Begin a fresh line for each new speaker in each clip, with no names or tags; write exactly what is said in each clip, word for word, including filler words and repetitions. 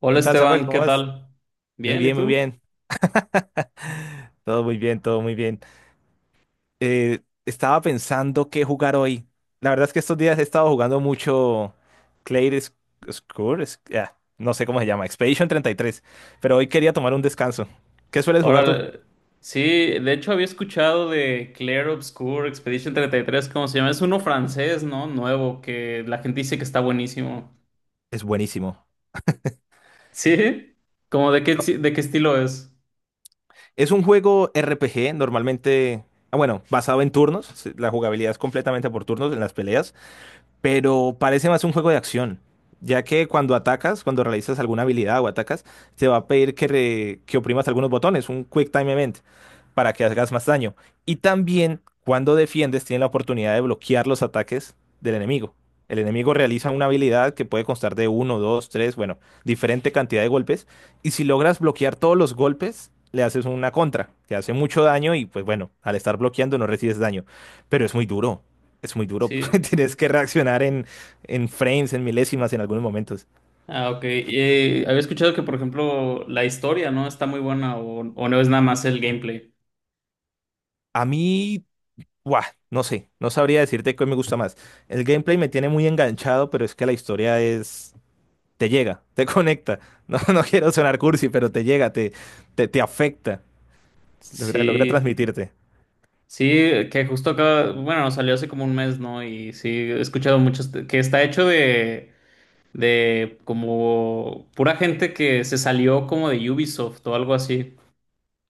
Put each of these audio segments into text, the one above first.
Hola
¿Qué tal, Samuel?
Esteban,
¿Cómo
¿qué
vas?
tal?
Muy
Bien, ¿y
bien, muy
tú?
bien. Todo muy bien, todo muy bien. Eh, estaba pensando qué jugar hoy. La verdad es que estos días he estado jugando mucho Clair Score, no sé cómo se llama, Expedition treinta y tres. Pero hoy quería tomar un descanso. ¿Qué sueles jugar tú?
Ahora, sí, de hecho había escuchado de Clair Obscur, Expedition treinta y tres, ¿cómo se llama? Es uno francés, ¿no? Nuevo, que la gente dice que está buenísimo.
Es buenísimo.
¿Sí? ¿Cómo de qué, ti- de qué estilo es?
Es un juego R P G, normalmente, ah, bueno, basado en turnos. se- La jugabilidad es completamente por turnos en las peleas. Pero parece más un juego de acción, ya que cuando atacas, cuando realizas alguna habilidad o atacas, te va a pedir que, re- que oprimas algunos botones, un Quick Time Event, para que hagas más daño. Y también cuando defiendes, tienes la oportunidad de bloquear los ataques del enemigo. El enemigo realiza una habilidad que puede constar de uno, dos, tres, bueno, diferente cantidad de golpes. Y si logras bloquear todos los golpes, le haces una contra, que hace mucho daño y pues bueno, al estar bloqueando no recibes daño. Pero es muy duro, es muy duro.
Sí.
Tienes que reaccionar en, en frames, en milésimas, en algunos momentos.
Ah, ok. Y había escuchado que, por ejemplo, la historia, ¿no? Está muy buena o, o no es nada más el gameplay.
A mí, buah, no sé, no sabría decirte qué me gusta más. El gameplay me tiene muy enganchado, pero es que la historia es... Te llega, te conecta. No, no quiero sonar cursi, pero te llega, te, te, te afecta. Logra, logra
Sí,
transmitirte.
sí, que justo acá, bueno, salió hace como un mes, ¿no? Y sí, he escuchado muchos, que está hecho de... de como pura gente que se salió como de Ubisoft o algo así,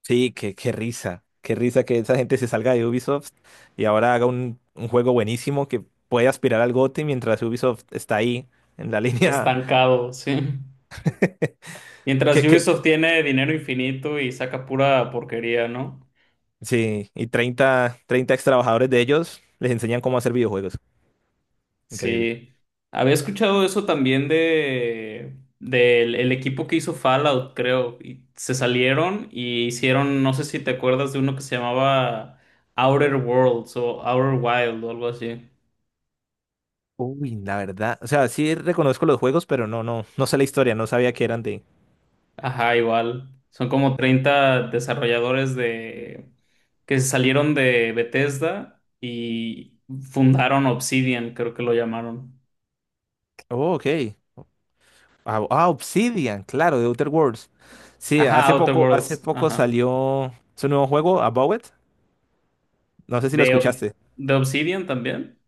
Sí, qué, qué risa. Qué risa que esa gente se salga de Ubisoft y ahora haga un, un juego buenísimo que puede aspirar al GOTY mientras Ubisoft está ahí, en la línea...
estancado, sí. Mientras
¿Qué, qué,
Ubisoft tiene dinero infinito y saca pura porquería, ¿no?
sí, y treinta treinta ex trabajadores de ellos les enseñan cómo hacer videojuegos. Increíble.
Sí. Había escuchado eso también de del el equipo que hizo Fallout, creo. Y se salieron y hicieron, no sé si te acuerdas de uno que se llamaba Outer Worlds o Outer Wild o algo así.
Uy, la verdad. O sea, sí reconozco los juegos, pero no, no, no sé la historia, no sabía que eran de.
Ajá, igual. Son como treinta desarrolladores de que salieron de Bethesda y fundaron Obsidian, creo que lo llamaron.
Oh, ok. Ah, ah, Obsidian, claro, de Outer Worlds. Sí,
Ajá,
hace
Outer
poco, hace
Worlds,
poco
ajá.
salió su nuevo juego, About It. No sé si lo
¿De, Ob-
escuchaste.
de Obsidian también?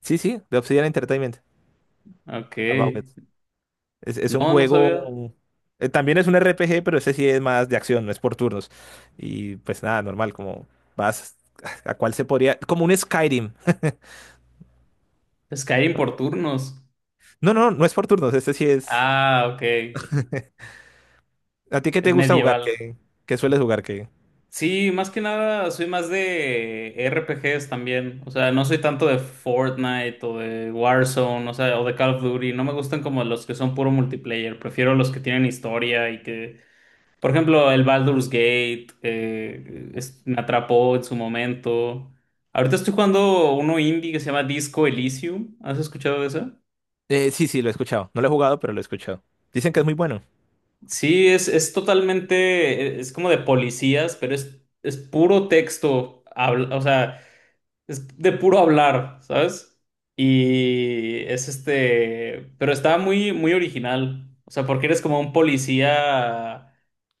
Sí, sí, de Obsidian Entertainment.
Ok.
About It. Es, es un
No, no sabía.
juego. eh, También es un R P G, pero ese sí es más de acción, no es por turnos. Y pues nada, normal, como vas. ¿A cuál se podría? Como un Skyrim.
Skyrim por turnos.
No, no, no es por turnos, este sí es.
Ah, ok.
¿A ti qué te
Es
gusta jugar?
medieval.
¿Qué, qué sueles jugar? ¿Qué?
Sí, más que nada soy más de R P Gs también. O sea, no soy tanto de Fortnite o de Warzone, o sea, o de Call of Duty. No me gustan como los que son puro multiplayer. Prefiero los que tienen historia y que, por ejemplo, el Baldur's Gate eh, es- me atrapó en su momento. Ahorita estoy jugando uno indie que se llama Disco Elysium. ¿Has escuchado de eso?
Eh, sí, sí, lo he escuchado. No lo he jugado, pero lo he escuchado. Dicen que es muy bueno,
Sí, es, es totalmente, e, es como de policías, pero es, es puro texto. Habla- o sea. Es de puro hablar, ¿sabes? Y es este, pero está muy, muy original. O sea, porque eres como un policía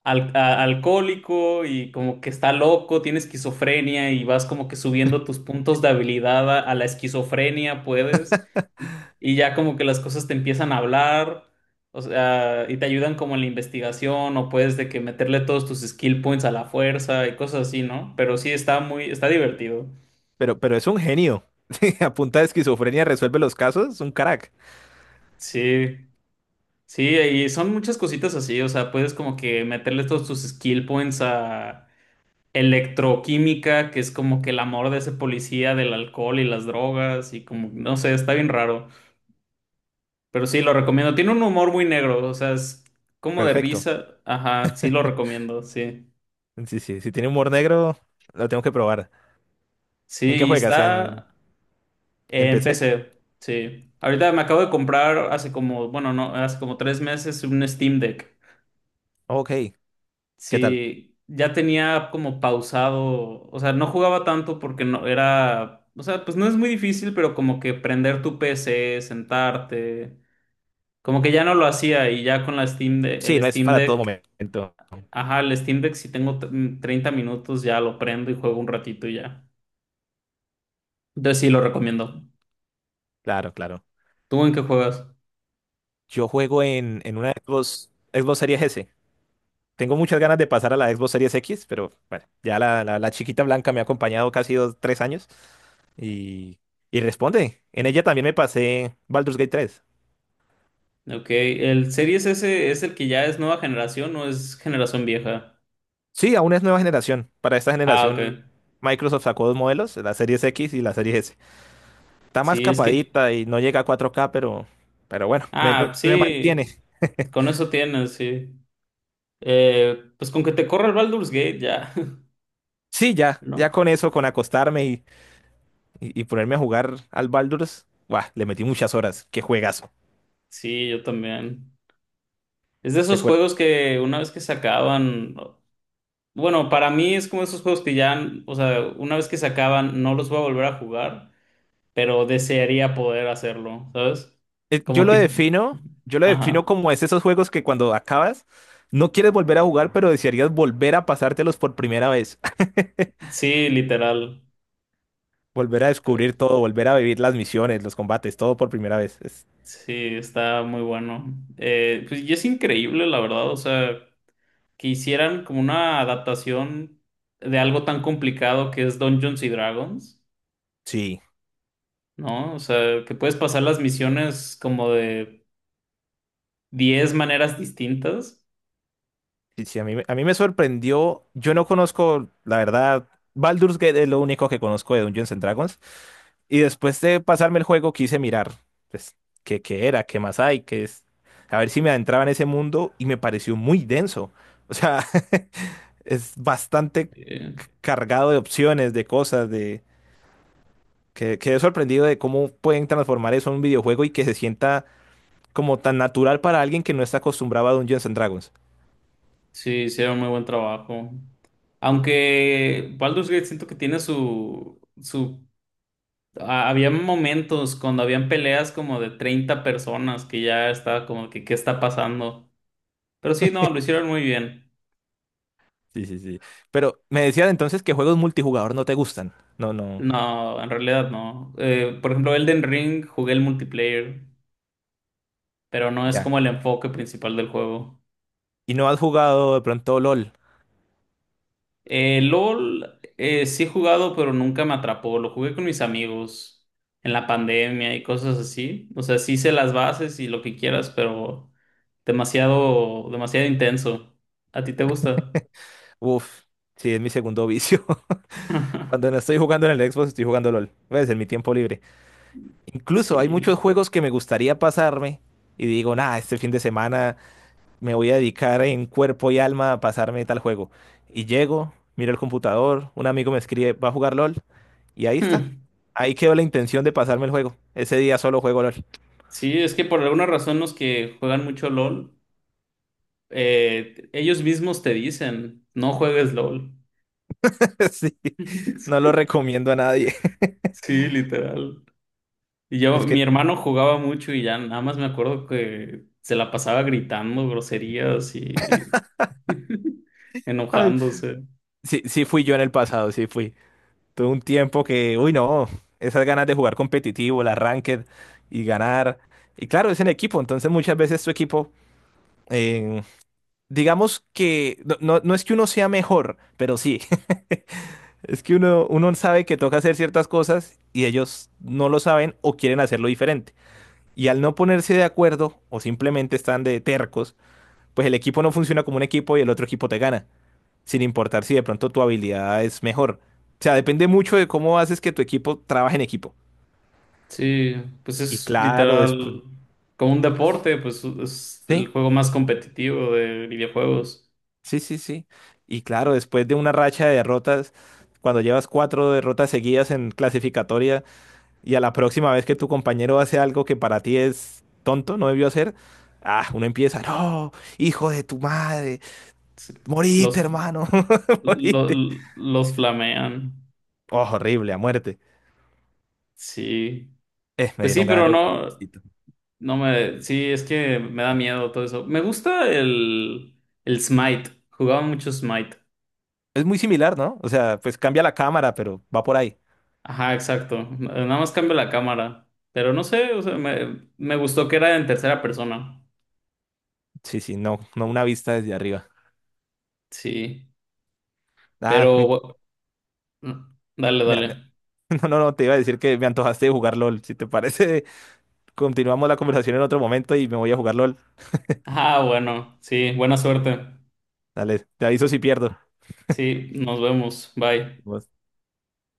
al- a- alcohólico y como que está loco, tiene esquizofrenia y vas como que subiendo tus puntos de habilidad a, a la esquizofrenia, puedes. Y, y ya como que las cosas te empiezan a hablar, o sea, y te ayudan como en la investigación o puedes de que meterle todos tus skill points a la fuerza y cosas así, ¿no? Pero sí está muy, está divertido.
pero, pero es un genio. A punta de esquizofrenia resuelve los casos, es un crack.
Sí, sí, y son muchas cositas así, o sea, puedes como que meterle todos tus skill points a electroquímica, que es como que el amor de ese policía del alcohol y las drogas y como, no sé, está bien raro, pero sí, lo recomiendo. Tiene un humor muy negro, o sea, es como de
Perfecto.
risa, ajá, sí lo recomiendo, sí.
Sí, sí, si tiene humor negro, lo tengo que probar. ¿En qué
Sí, y
juegas? ¿En,
está
¿en
en
P C?
P C, sí. Ahorita me acabo de comprar hace como, bueno, no, hace como tres meses un Steam Deck.
Ok, ¿qué tal?
Sí, ya tenía como pausado, o sea, no jugaba tanto porque no era, o sea, pues no es muy difícil, pero como que prender tu P C, sentarte, como que ya no lo hacía y ya con la Steam de-
Sí,
el
no es
Steam
para todo
Deck,
momento.
ajá, el Steam Deck si tengo t- mm, treinta minutos ya lo prendo y juego un ratito y ya. Entonces sí lo recomiendo.
Claro, claro.
¿Tú en qué juegas?
Yo juego en, en una Xbox, Xbox Series S. Tengo muchas ganas de pasar a la Xbox Series X, pero bueno, ya la, la, la chiquita blanca me ha acompañado casi dos, tres años y, y responde. En ella también me pasé Baldur's Gate tres.
Ok, ¿el Series S es el que ya es nueva generación o es generación vieja?
Sí, aún es nueva generación. Para esta
Ah, ok.
generación, Microsoft sacó dos modelos, la Series X y la Series S. Está más
Sí, es que,
capadita y no llega a cuatro K, pero, pero bueno, me,
Ah,
me- me
sí,
mantiene.
con eso tienes, sí. Eh, pues con que te corra el Baldur's Gate ya,
Sí, ya, ya
¿no?
con eso, con acostarme y y, y ponerme a jugar al Baldur's, ¡buah! Le metí muchas horas. ¡Qué juegazo!
Sí, yo también. Es de esos
Recuerda-
juegos que una vez que se acaban, bueno, para mí es como esos juegos que ya, o sea, una vez que se acaban no los voy a volver a jugar, pero desearía poder hacerlo, ¿sabes?
eh, yo
Como
lo
tipo,
defino, yo lo defino
ajá,
como es esos juegos que cuando acabas no quieres volver a jugar, pero desearías volver a pasártelos por primera vez.
sí, literal.
Volver a
Que-
descubrir todo, volver a vivir las misiones, los combates, todo por primera vez. Es-
Sí, está muy bueno. Eh, pues y es increíble, la verdad, o sea, que hicieran como una adaptación de algo tan complicado que es Dungeons y Dragons,
sí.
¿no? O sea, que puedes pasar las misiones como de diez maneras distintas.
Sí, sí, a mí, me- a mí me sorprendió. Yo no conozco, la verdad, Baldur's Gate es lo único que conozco de Dungeons and Dragons. Y después de pasarme el juego quise mirar, pues, qué, qué era, qué más hay, qué es. A ver si me adentraba en ese mundo y me pareció muy denso. O sea, es bastante
Eh,
c- cargado de opciones, de cosas, de... Que, quedé sorprendido de cómo pueden transformar eso en un videojuego y que se sienta como tan natural para alguien que no está acostumbrado a Dungeons and Dragons.
sí, hicieron muy buen trabajo. Aunque Baldur's Gate siento que tiene su, su... a- Había momentos cuando habían peleas como de treinta personas que ya estaba como que, ¿qué está pasando? Pero sí, no, lo hicieron muy bien.
Sí, sí, sí. Pero me decías entonces que juegos multijugador no te gustan. No, no,
No, en realidad no. Eh, por ejemplo, Elden Ring jugué el multiplayer, pero no es
ya.
como el enfoque principal del juego.
¿Y no has jugado de pronto L O L?
Eh, LOL eh, sí he jugado, pero nunca me atrapó. Lo jugué con mis amigos en la pandemia y cosas así. O sea, sí hice las bases y lo que quieras, pero demasiado, demasiado intenso. ¿A ti te gusta?
Uf, sí, es mi segundo vicio. Cuando no estoy jugando en el Xbox, estoy jugando L O L. Pues en mi tiempo libre. Incluso hay muchos
Sí.
juegos que me gustaría pasarme y digo, nah, este fin de semana me voy a dedicar en cuerpo y alma a pasarme tal juego. Y llego, miro el computador, un amigo me escribe, va a jugar L O L y ahí está.
Hmm.
Ahí quedó la intención de pasarme el juego. Ese día solo juego L O L.
Sí, es que por alguna razón los que juegan mucho LOL, eh, ellos mismos te dicen, no juegues LOL.
Sí, no lo recomiendo a nadie.
Sí, literal. Y yo,
Es
mi
que
hermano jugaba mucho y ya nada más me acuerdo que se la pasaba gritando groserías y
al-
enojándose.
sí, sí fui yo en el pasado, sí fui. Tuve un tiempo que, uy, no, esas ganas de jugar competitivo, el ranked y ganar. Y claro, es en equipo, entonces muchas veces tu equipo, eh, digamos que no, no- no es que uno sea mejor, pero sí, es que uno, uno sabe que toca hacer ciertas cosas y ellos no lo saben o quieren hacerlo diferente. Y al no ponerse de acuerdo o simplemente están de tercos, pues el equipo no funciona como un equipo y el otro equipo te gana, sin importar si de pronto tu habilidad es mejor. O sea, depende mucho de cómo haces que tu equipo trabaje en equipo.
Sí, pues
Y
es
claro, después...
literal como un deporte, pues es el
Sí,
juego más competitivo de videojuegos.
sí, sí, sí. Y claro, después de una racha de derrotas, cuando llevas cuatro derrotas seguidas en clasificatoria y a la próxima vez que tu compañero hace algo que para ti es tonto, no debió hacer, ah, uno empieza, no, hijo de tu madre,
Sí.
moriste,
Los,
hermano,
lo-
moriste.
los flamean.
Oh, horrible, a muerte.
Sí.
Eh, me
Pues sí,
dieron ganas
pero
de jugar.
no. No me, sí, es que me da miedo todo eso. Me gusta el, el Smite. Jugaba mucho Smite.
Es muy similar, ¿no? O sea, pues cambia la cámara, pero va por ahí.
Ajá, exacto. Nada más cambio la cámara. Pero no sé, o sea, me, me gustó que era en tercera persona.
Sí, sí, no, no una vista desde arriba.
Sí.
Ah,
Pero,
me-
bu- mm, dale,
me- me-
dale.
no, no, no, te iba a decir que me antojaste de jugar L O L. Si te parece, continuamos la conversación en otro momento y me voy a jugar L O L.
Ah, bueno, sí, buena suerte.
Dale, te aviso si pierdo.
Sí, nos vemos. Bye.